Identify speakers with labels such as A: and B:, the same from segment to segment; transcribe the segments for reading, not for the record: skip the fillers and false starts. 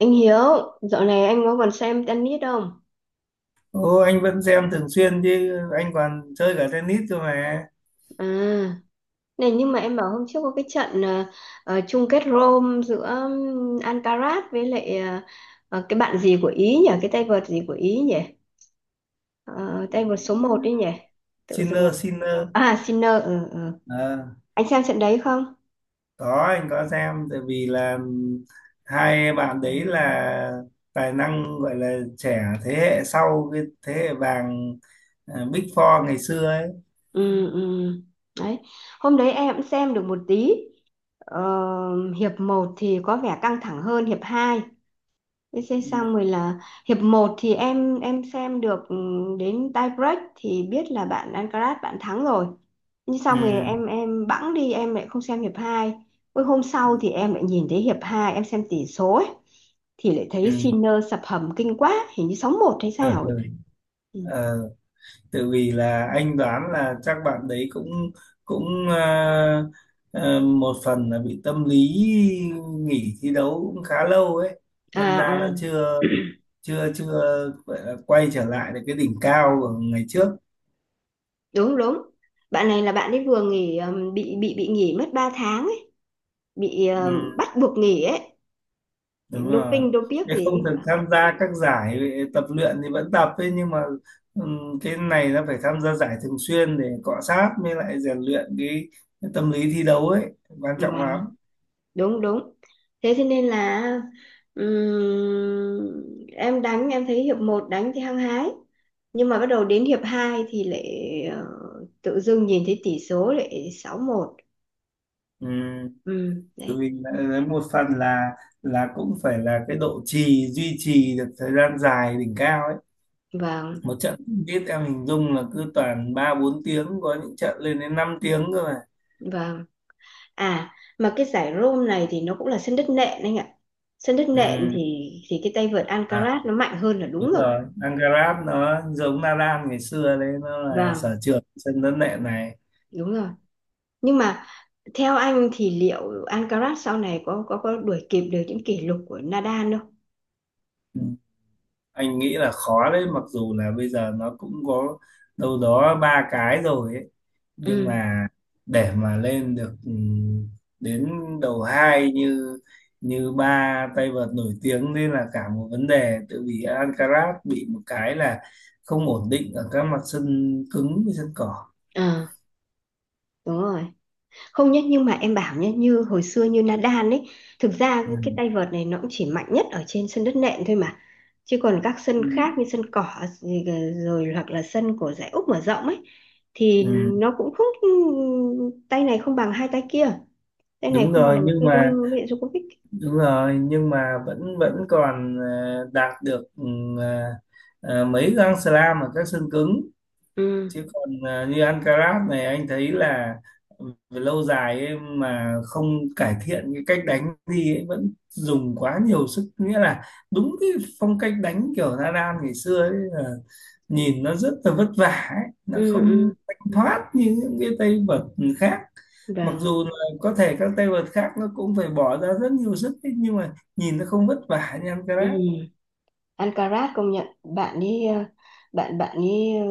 A: Anh Hiếu, dạo này anh có còn xem tennis không?
B: Ô, anh vẫn xem thường xuyên chứ, anh còn chơi cả tennis cơ mà.
A: À, này nhưng mà em bảo hôm trước có cái trận chung kết Rome giữa Alcaraz với lại cái bạn gì của Ý nhỉ? Cái tay vợt gì của Ý nhỉ? Ờ, tay
B: Ừ,
A: vợt số một đấy nhỉ? Tự dưng em...
B: Sinner, Sinner.
A: À, Sinner, ừ, ừ.
B: Ờ,
A: Anh xem trận đấy không?
B: có, anh có xem, tại vì là hai bạn đấy là tài năng, gọi là trẻ, thế hệ sau cái thế hệ vàng Big Four ngày xưa ấy.
A: Ừ, ừ. Đấy. Hôm đấy em cũng xem được một tí. Ờ, hiệp một thì có vẻ căng thẳng hơn hiệp 2. VC
B: Ừ.
A: xong rồi là hiệp một thì em xem được đến tie break thì biết là bạn Alcaraz bạn thắng rồi. Nhưng
B: Ừ.
A: xong rồi em bẵng đi em lại không xem hiệp hai. Ôi hôm sau
B: Ừ.
A: thì em lại nhìn thấy hiệp 2 em xem tỷ số ấy thì lại thấy
B: Ừ.
A: Sinner sập hầm kinh quá, hình như 6 một hay sao ấy. Ừ.
B: Ừ. Tại vì là anh đoán là chắc bạn đấy cũng cũng à, à, một phần là bị tâm lý, nghỉ thi đấu cũng khá lâu ấy, đâm
A: À
B: ra
A: à.
B: là chưa chưa chưa gọi là quay trở lại được cái đỉnh cao của ngày trước.
A: Đúng đúng. Bạn này là bạn ấy vừa nghỉ bị nghỉ mất 3 tháng ấy, bị
B: Ừ,
A: bắt buộc nghỉ ấy,
B: đúng rồi,
A: doping dopiếc
B: cái không
A: gì
B: được tham gia các giải, tập luyện thì vẫn tập ấy, nhưng mà ừ, cái này nó phải tham gia giải thường xuyên để cọ sát mới lại rèn luyện cái tâm lý thi đấu ấy, quan
A: ấy.
B: trọng lắm.
A: Đúng đúng. Thế thế nên là em đánh em thấy hiệp một đánh thì hăng hái nhưng mà bắt đầu đến hiệp 2 thì lại ờ, tự dưng nhìn thấy tỷ số lại sáu một.
B: Ừ.
A: Ừ,
B: Tự
A: đấy.
B: mình đã- một phần là cũng phải là cái độ trì duy trì được thời gian dài đỉnh cao ấy,
A: Vâng
B: một trận biết em hình dung là cứ toàn ba bốn tiếng, có những trận lên đến 5 tiếng cơ mà.
A: vâng. À, mà cái giải Rome này thì nó cũng là sân đất nện anh ạ. Sân đất nện
B: Ừ.
A: thì cái tay vợt
B: À,
A: Alcaraz nó mạnh hơn là đúng
B: đúng
A: rồi.
B: rồi, Ancarat nó giống Nadal ngày xưa đấy, nó là
A: Vâng,
B: sở trường sân đất nện này.
A: đúng rồi nhưng mà theo anh thì liệu Alcaraz sau này có đuổi kịp được những kỷ lục của Nadal không?
B: Ừ. Anh nghĩ là khó đấy, mặc dù là bây giờ nó cũng có đâu đó ba cái rồi ấy, nhưng
A: Ừ,
B: mà để mà lên được đến đầu hai như như ba tay vợt nổi tiếng nên là cả một vấn đề, tự vì Alcaraz bị một cái là không ổn định ở các mặt sân cứng với sân cỏ.
A: ờ, đúng rồi. Không nhất nhưng mà em bảo nhé, như hồi xưa như Nadal ấy, thực ra cái
B: Ừ.
A: tay vợt này nó cũng chỉ mạnh nhất ở trên sân đất nện thôi mà. Chứ còn các sân
B: Ừ.
A: khác như sân cỏ gì rồi hoặc là sân của giải Úc mở rộng ấy thì
B: Ừ.
A: nó cũng không tay này không bằng hai tay kia, tay này
B: Đúng
A: không bằng
B: rồi nhưng mà
A: Federer với lại Djokovic.
B: đúng rồi, nhưng mà vẫn vẫn còn đạt được ờ, mấy găng slam ở các sân cứng,
A: Ừ,
B: chứ còn như ăn Alcaraz này anh thấy là về lâu dài ấy mà không cải thiện cái cách đánh thì ấy, vẫn dùng quá nhiều sức, nghĩa là đúng cái phong cách đánh kiểu Nadal ngày xưa ấy, là nhìn nó rất là vất vả ấy. Nó
A: ừ,
B: không
A: ừ,
B: thanh thoát như những cái tay vợt khác, mặc
A: vâng.
B: dù là có thể các tay vợt khác nó cũng phải bỏ ra rất nhiều sức ấy, nhưng mà nhìn nó không vất vả như
A: Ừ.
B: Alcaraz.
A: Alcaraz công nhận bạn ấy bạn bạn ấy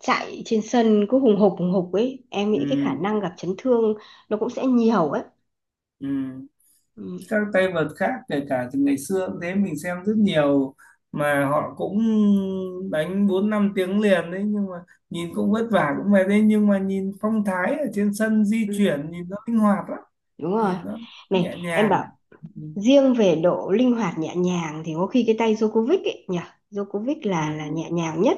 A: chạy trên sân cứ hùng hục ấy em nghĩ cái
B: Ừ,
A: khả năng gặp chấn thương nó cũng sẽ nhiều ấy.
B: ừ.
A: Ừ,
B: Các tay vợt khác kể cả từ ngày xưa cũng thế, mình xem rất nhiều mà họ cũng đánh bốn năm tiếng liền đấy, nhưng mà nhìn cũng vất vả cũng mệt đấy, nhưng mà nhìn phong thái ở trên sân, di
A: ừ.
B: chuyển nhìn nó linh hoạt lắm,
A: Đúng rồi,
B: nhìn nó
A: này
B: nhẹ
A: em
B: nhàng.
A: bảo,
B: Ừ.
A: riêng về độ linh hoạt nhẹ nhàng thì có khi cái tay Djokovic ấy nhỉ. Djokovic là
B: Ừ.
A: nhẹ nhàng nhất,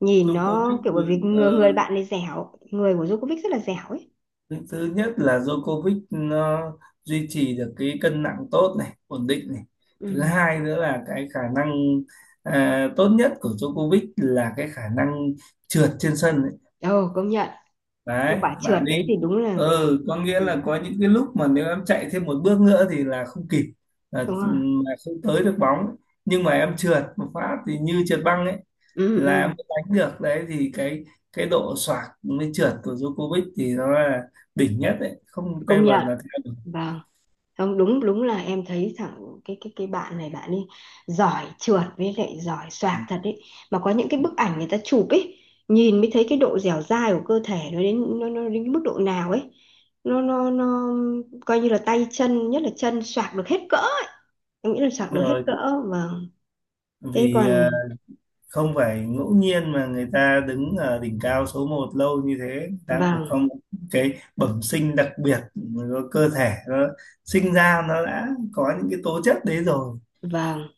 A: nhìn nó
B: Djokovic
A: kiểu bởi vì
B: ờ,
A: người bạn này dẻo, người của Djokovic rất là dẻo ấy.
B: thứ thứ nhất là Djokovic nó duy trì được cái cân nặng tốt này, ổn định này, thứ
A: Ừ.
B: hai nữa là cái khả năng tốt nhất của Djokovic là cái khả năng trượt trên sân,
A: Ồ, công nhận cái
B: đấy
A: quả trượt
B: bạn đi.
A: đấy thì đúng là.
B: Ừ, có nghĩa
A: Ừ.
B: là có những cái lúc mà nếu em chạy thêm một bước nữa thì là không kịp, là,
A: Đúng rồi,
B: là không tới được bóng, nhưng mà em trượt một phát thì như trượt băng ấy,
A: ừ,
B: là em
A: ừ,
B: mới đánh được. Đấy thì cái độ xoạc mới trượt của Djokovic thì nó là đỉnh nhất đấy, không tay
A: công
B: vợt
A: nhận.
B: là theo được.
A: Vâng, không đúng đúng là em thấy thằng cái bạn này bạn ấy giỏi trượt với lại giỏi
B: Ừ,
A: xoạc thật đấy. Mà có những cái
B: ừ,
A: bức ảnh người ta chụp ấy nhìn mới thấy cái
B: ừ.
A: độ dẻo dai của cơ thể nó đến nó đến cái mức độ nào ấy. Nó coi như là tay chân nhất là chân xoạc được hết cỡ, em nghĩ là
B: Đúng
A: xoạc được hết
B: rồi,
A: cỡ. Vâng, thế
B: vì
A: còn.
B: không phải ngẫu nhiên mà người ta đứng ở đỉnh cao số một lâu như thế, người ta cũng phải
A: Vâng
B: có một cái bẩm sinh đặc biệt, có cơ thể nó sinh ra nó đã có những cái tố chất đấy rồi.
A: vâng.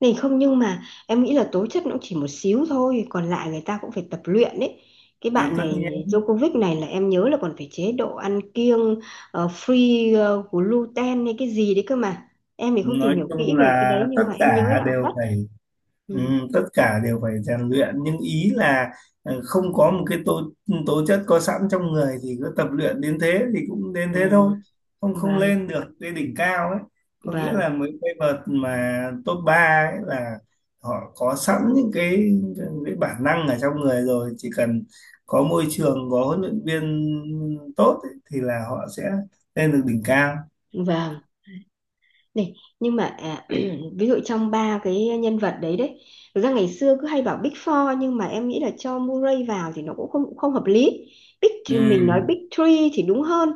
A: Này không nhưng mà em nghĩ là tố chất nó cũng chỉ một xíu thôi. Còn lại người ta cũng phải tập luyện đấy. Cái
B: À,
A: bạn
B: tất
A: này
B: nhiên,
A: Djokovic này là em nhớ là còn phải chế độ ăn kiêng, Free gluten hay cái gì đấy cơ mà. Em thì không tìm
B: nói
A: hiểu kỹ
B: chung
A: về cái
B: là
A: đấy. Nhưng
B: tất
A: mà em nhớ
B: cả
A: là
B: đều
A: vắt.
B: phải Ừ,
A: Ừ.
B: tất cả đều phải rèn luyện, nhưng ý là không có một cái tố tố chất có sẵn trong người thì cứ tập luyện đến thế thì cũng đến
A: À,
B: thế thôi, không không
A: vâng
B: lên được cái đỉnh cao ấy. Có nghĩa
A: vâng
B: là mấy cái vợt mà top 3 ấy là họ có sẵn những cái bản năng ở trong người rồi, chỉ cần có môi trường, có huấn luyện viên tốt ấy, thì là họ sẽ lên được đỉnh cao.
A: vâng. Này, nhưng mà ví dụ trong ba cái nhân vật đấy đấy, thực ra ngày xưa cứ hay bảo Big Four nhưng mà em nghĩ là cho Murray vào thì nó cũng không không hợp lý. Big mình nói
B: Ừ,
A: Big Three thì đúng hơn.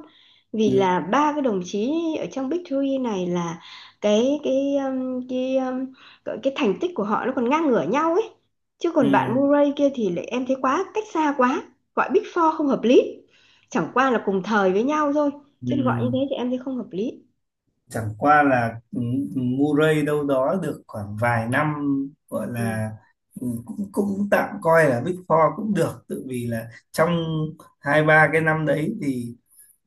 A: Vì
B: ừ,
A: là ba cái đồng chí ở trong Big Three này là cái cái thành tích của họ nó còn ngang ngửa nhau ấy. Chứ còn bạn
B: ừ,
A: Murray kia thì lại em thấy quá cách xa quá, gọi Big Four không hợp lý. Chẳng qua là cùng thời với nhau thôi,
B: ừ.
A: chứ gọi như thế thì em thấy không hợp lý.
B: Chẳng qua là Murray đâu đó được khoảng vài năm, gọi
A: Ừ.
B: là cũng cũng tạm coi là Big Four cũng được, tự vì là trong hai ba cái năm đấy thì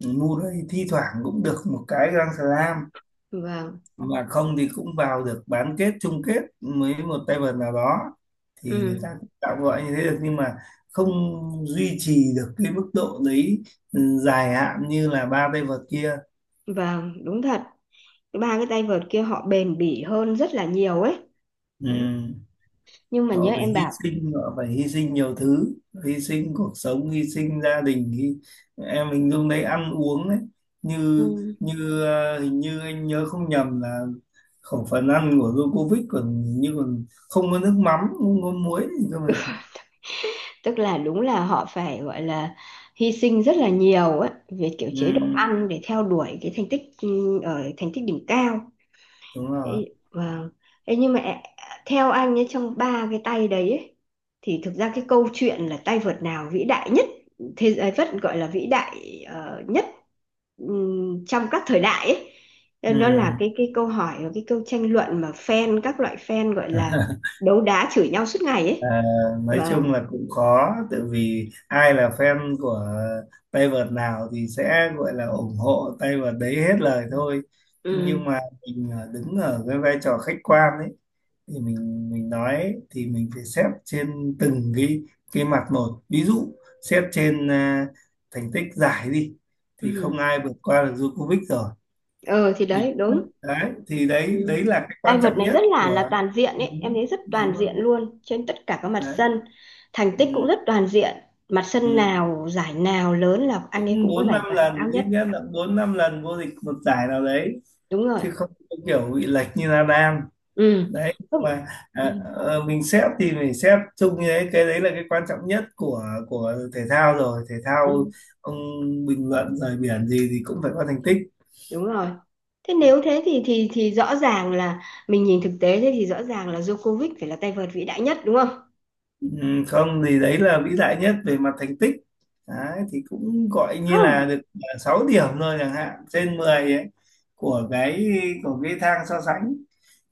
B: Murray thi thoảng cũng được một cái Grand Slam,
A: Vâng.
B: mà không thì cũng vào được bán kết chung kết với một tay vợt nào đó, thì người
A: Ừ,
B: ta cũng tạm gọi như thế được, nhưng mà không duy trì được cái mức độ đấy dài hạn như là ba tay vợt kia.
A: vâng, đúng thật. Cái ba cái tay vợt kia họ bền bỉ hơn rất là nhiều ấy. Ừ,
B: Ừ.
A: nhưng mà nhớ
B: Họ phải
A: em
B: hy
A: bảo,
B: sinh, họ phải hy sinh nhiều thứ, hy sinh cuộc sống, hy sinh gia đình, hy... em hình dung đấy, ăn uống đấy, như
A: ừ,
B: như hình như anh nhớ không nhầm là khẩu phần ăn của Djokovic còn, hình như còn không có nước mắm, không có muối gì cơ mà.
A: tức là đúng là họ phải gọi là hy sinh rất là nhiều ấy về kiểu
B: Ừ,
A: chế độ ăn để theo đuổi cái thành tích ừ, ở thành tích đỉnh cao.
B: đúng
A: Ê,
B: rồi.
A: vâng. Ê, nhưng mà theo anh ấy trong ba cái tay đấy ấy, thì thực ra cái câu chuyện là tay vợt nào vĩ đại nhất thế giới vẫn gọi là vĩ đại nhất trong các thời đại ấy.
B: Ừ.
A: Nên nó là cái câu hỏi và cái câu tranh luận mà fan các loại fan gọi là đấu đá chửi nhau suốt ngày ấy.
B: À, nói
A: Vâng.
B: chung là cũng có, tại vì ai là fan của tay vợt nào thì sẽ gọi là ủng hộ tay vợt đấy hết lời thôi, nhưng
A: Ừ.
B: mà mình đứng ở cái vai trò khách quan ấy thì mình nói thì mình phải xét trên từng cái mặt một, ví dụ xét trên thành tích giải đi thì không
A: Ừ.
B: ai vượt qua được Djokovic rồi.
A: Ờ thì
B: Mình
A: đấy đúng.
B: đấy thì đấy,
A: Ừ.
B: đấy là cái
A: Tay
B: quan
A: vợt
B: trọng
A: này
B: nhất
A: rất là
B: của
A: toàn diện ấy, em
B: đúng,
A: thấy rất
B: đúng
A: toàn diện
B: không
A: luôn trên tất cả các mặt
B: đấy.
A: sân. Thành tích cũng rất toàn diện. Mặt
B: Ừ.
A: sân nào, giải nào lớn là anh ấy
B: Cũng
A: cũng có
B: bốn
A: giải
B: năm
A: vàng
B: lần,
A: cao
B: ít
A: nhất.
B: nhất là bốn năm lần vô địch một giải nào đấy,
A: Đúng rồi.
B: chứ không có kiểu bị lệch như Nadal
A: Ừ.
B: đấy, nhưng
A: Không.
B: mà
A: Ừ.
B: mình xếp thì mình xếp chung như đấy, cái đấy là cái quan trọng nhất của thể thao rồi, thể thao
A: Ừ.
B: ông bình luận rời biển gì thì cũng phải có thành tích.
A: Đúng rồi. Thế nếu thế thì rõ ràng là mình nhìn thực tế thế thì rõ ràng là Djokovic phải là tay vợt vĩ đại nhất đúng không?
B: Không thì đấy là vĩ đại nhất về mặt thành tích đấy, thì cũng gọi như
A: Không.
B: là được 6 điểm thôi chẳng hạn, trên 10 ấy, của cái của cái thang so sánh,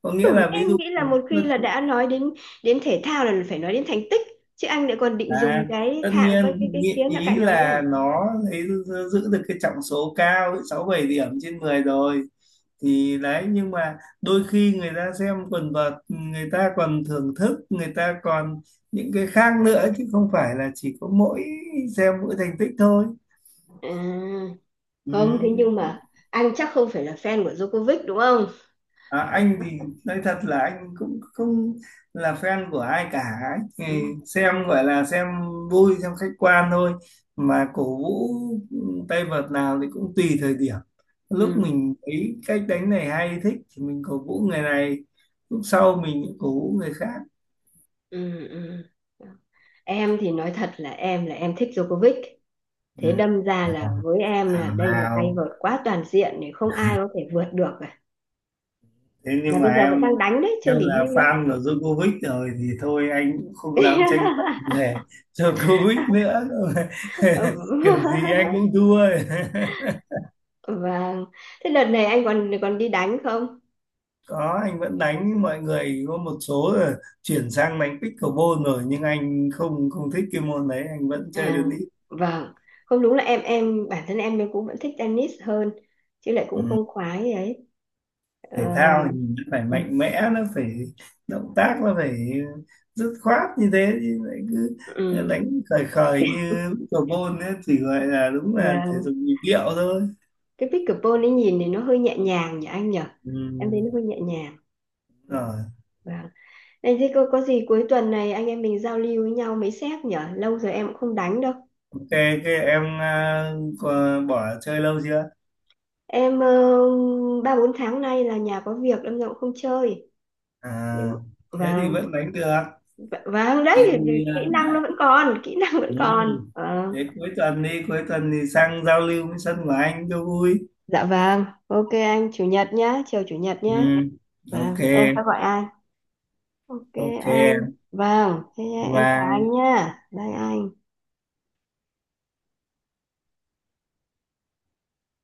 B: có nghĩa
A: Ừ,
B: là ví
A: em
B: dụ
A: nghĩ là một khi là đã nói đến đến thể thao là phải nói đến thành tích chứ anh lại còn định dùng
B: À,
A: cái
B: tất
A: thạng
B: nhiên,
A: coi cái
B: nhị-
A: khía là
B: ý
A: cạnh đó nữa.
B: là nó lấy, giữ được cái trọng số cao sáu bảy điểm trên 10 rồi, thì đấy nhưng mà đôi khi người ta xem quần vợt người ta còn thưởng thức, người ta còn những cái khác nữa, chứ không phải là chỉ có mỗi xem mỗi thành tích thôi.
A: À,
B: Ừ.
A: không thế nhưng mà anh chắc không phải là fan của Djokovic đúng không?
B: À, anh thì nói thật là anh cũng không là fan của ai cả, anh thì
A: Ừ,
B: xem gọi là xem vui, xem khách quan thôi, mà cổ vũ tay vợt nào thì cũng tùy thời điểm, lúc
A: ừ,
B: mình thấy cách đánh này hay thích thì mình cổ vũ người này, lúc sau mình cổ vũ người khác.
A: ừ, ừ. Em thì nói thật là em thích Djokovic.
B: Ừ.
A: Thế đâm ra là với em là
B: Thảo
A: đây là tay
B: nào,
A: vợt quá toàn diện thì không ai có thể vượt được cả.
B: thế
A: Mà
B: nhưng mà
A: bây giờ vẫn đang đánh đấy, chưa
B: em
A: nghỉ
B: là
A: hưu đâu.
B: fan của Djokovic rồi thì thôi, anh cũng không dám tranh luận về Djokovic nữa.
A: Ừ.
B: Kiểu gì anh cũng thua.
A: Vâng. Thế đợt này anh còn còn đi đánh không?
B: Có, anh vẫn đánh với mọi người, có một số là chuyển sang đánh pickleball rồi, nhưng anh không không thích cái môn đấy, anh vẫn chơi
A: À,
B: tennis.
A: vâng. Không đúng là em bản thân em cũng vẫn thích tennis hơn chứ lại cũng không khoái ấy. Ờ,
B: Thể thao thì nó phải
A: ừ,
B: mạnh mẽ, nó phải động tác, nó phải dứt khoát như thế, chứ lại cứ
A: ừ.
B: đánh khời khời như lúc cầu môn ấy thì gọi là đúng là thể
A: Và
B: dục nhịp điệu thôi.
A: cái pickleball ấy nhìn thì nó hơi nhẹ nhàng nhỉ anh nhỉ,
B: Ừ,
A: em thấy nó hơi nhẹ nhàng.
B: đúng
A: Ừ.
B: rồi.
A: Vâng. Này thế có gì cuối tuần này anh em mình giao lưu với nhau mấy xét nhỉ? Lâu rồi em cũng không đánh đâu.
B: Ok cái em có bỏ chơi lâu chưa?
A: Em ba bốn tháng nay là nhà có việc đâm ra cũng không chơi.
B: À,
A: Nhưng mà-
B: thế thì
A: vâng,
B: vẫn đánh được,
A: vâng
B: thế
A: đấy,
B: thì
A: kỹ năng
B: đấy.
A: nó vẫn còn, kỹ năng vẫn
B: Ừ.
A: còn. Vâng.
B: Thế cuối tuần đi, cuối tuần thì sang giao lưu với sân của anh cho vui.
A: Dạ vâng, ok anh, chủ nhật nhá, chiều chủ nhật nhá.
B: Ừ. Ok.
A: Vâng, em sẽ gọi anh. Ok
B: Ok.
A: anh, vâng thế
B: Bye
A: em chào anh
B: bye.
A: nhá đây anh.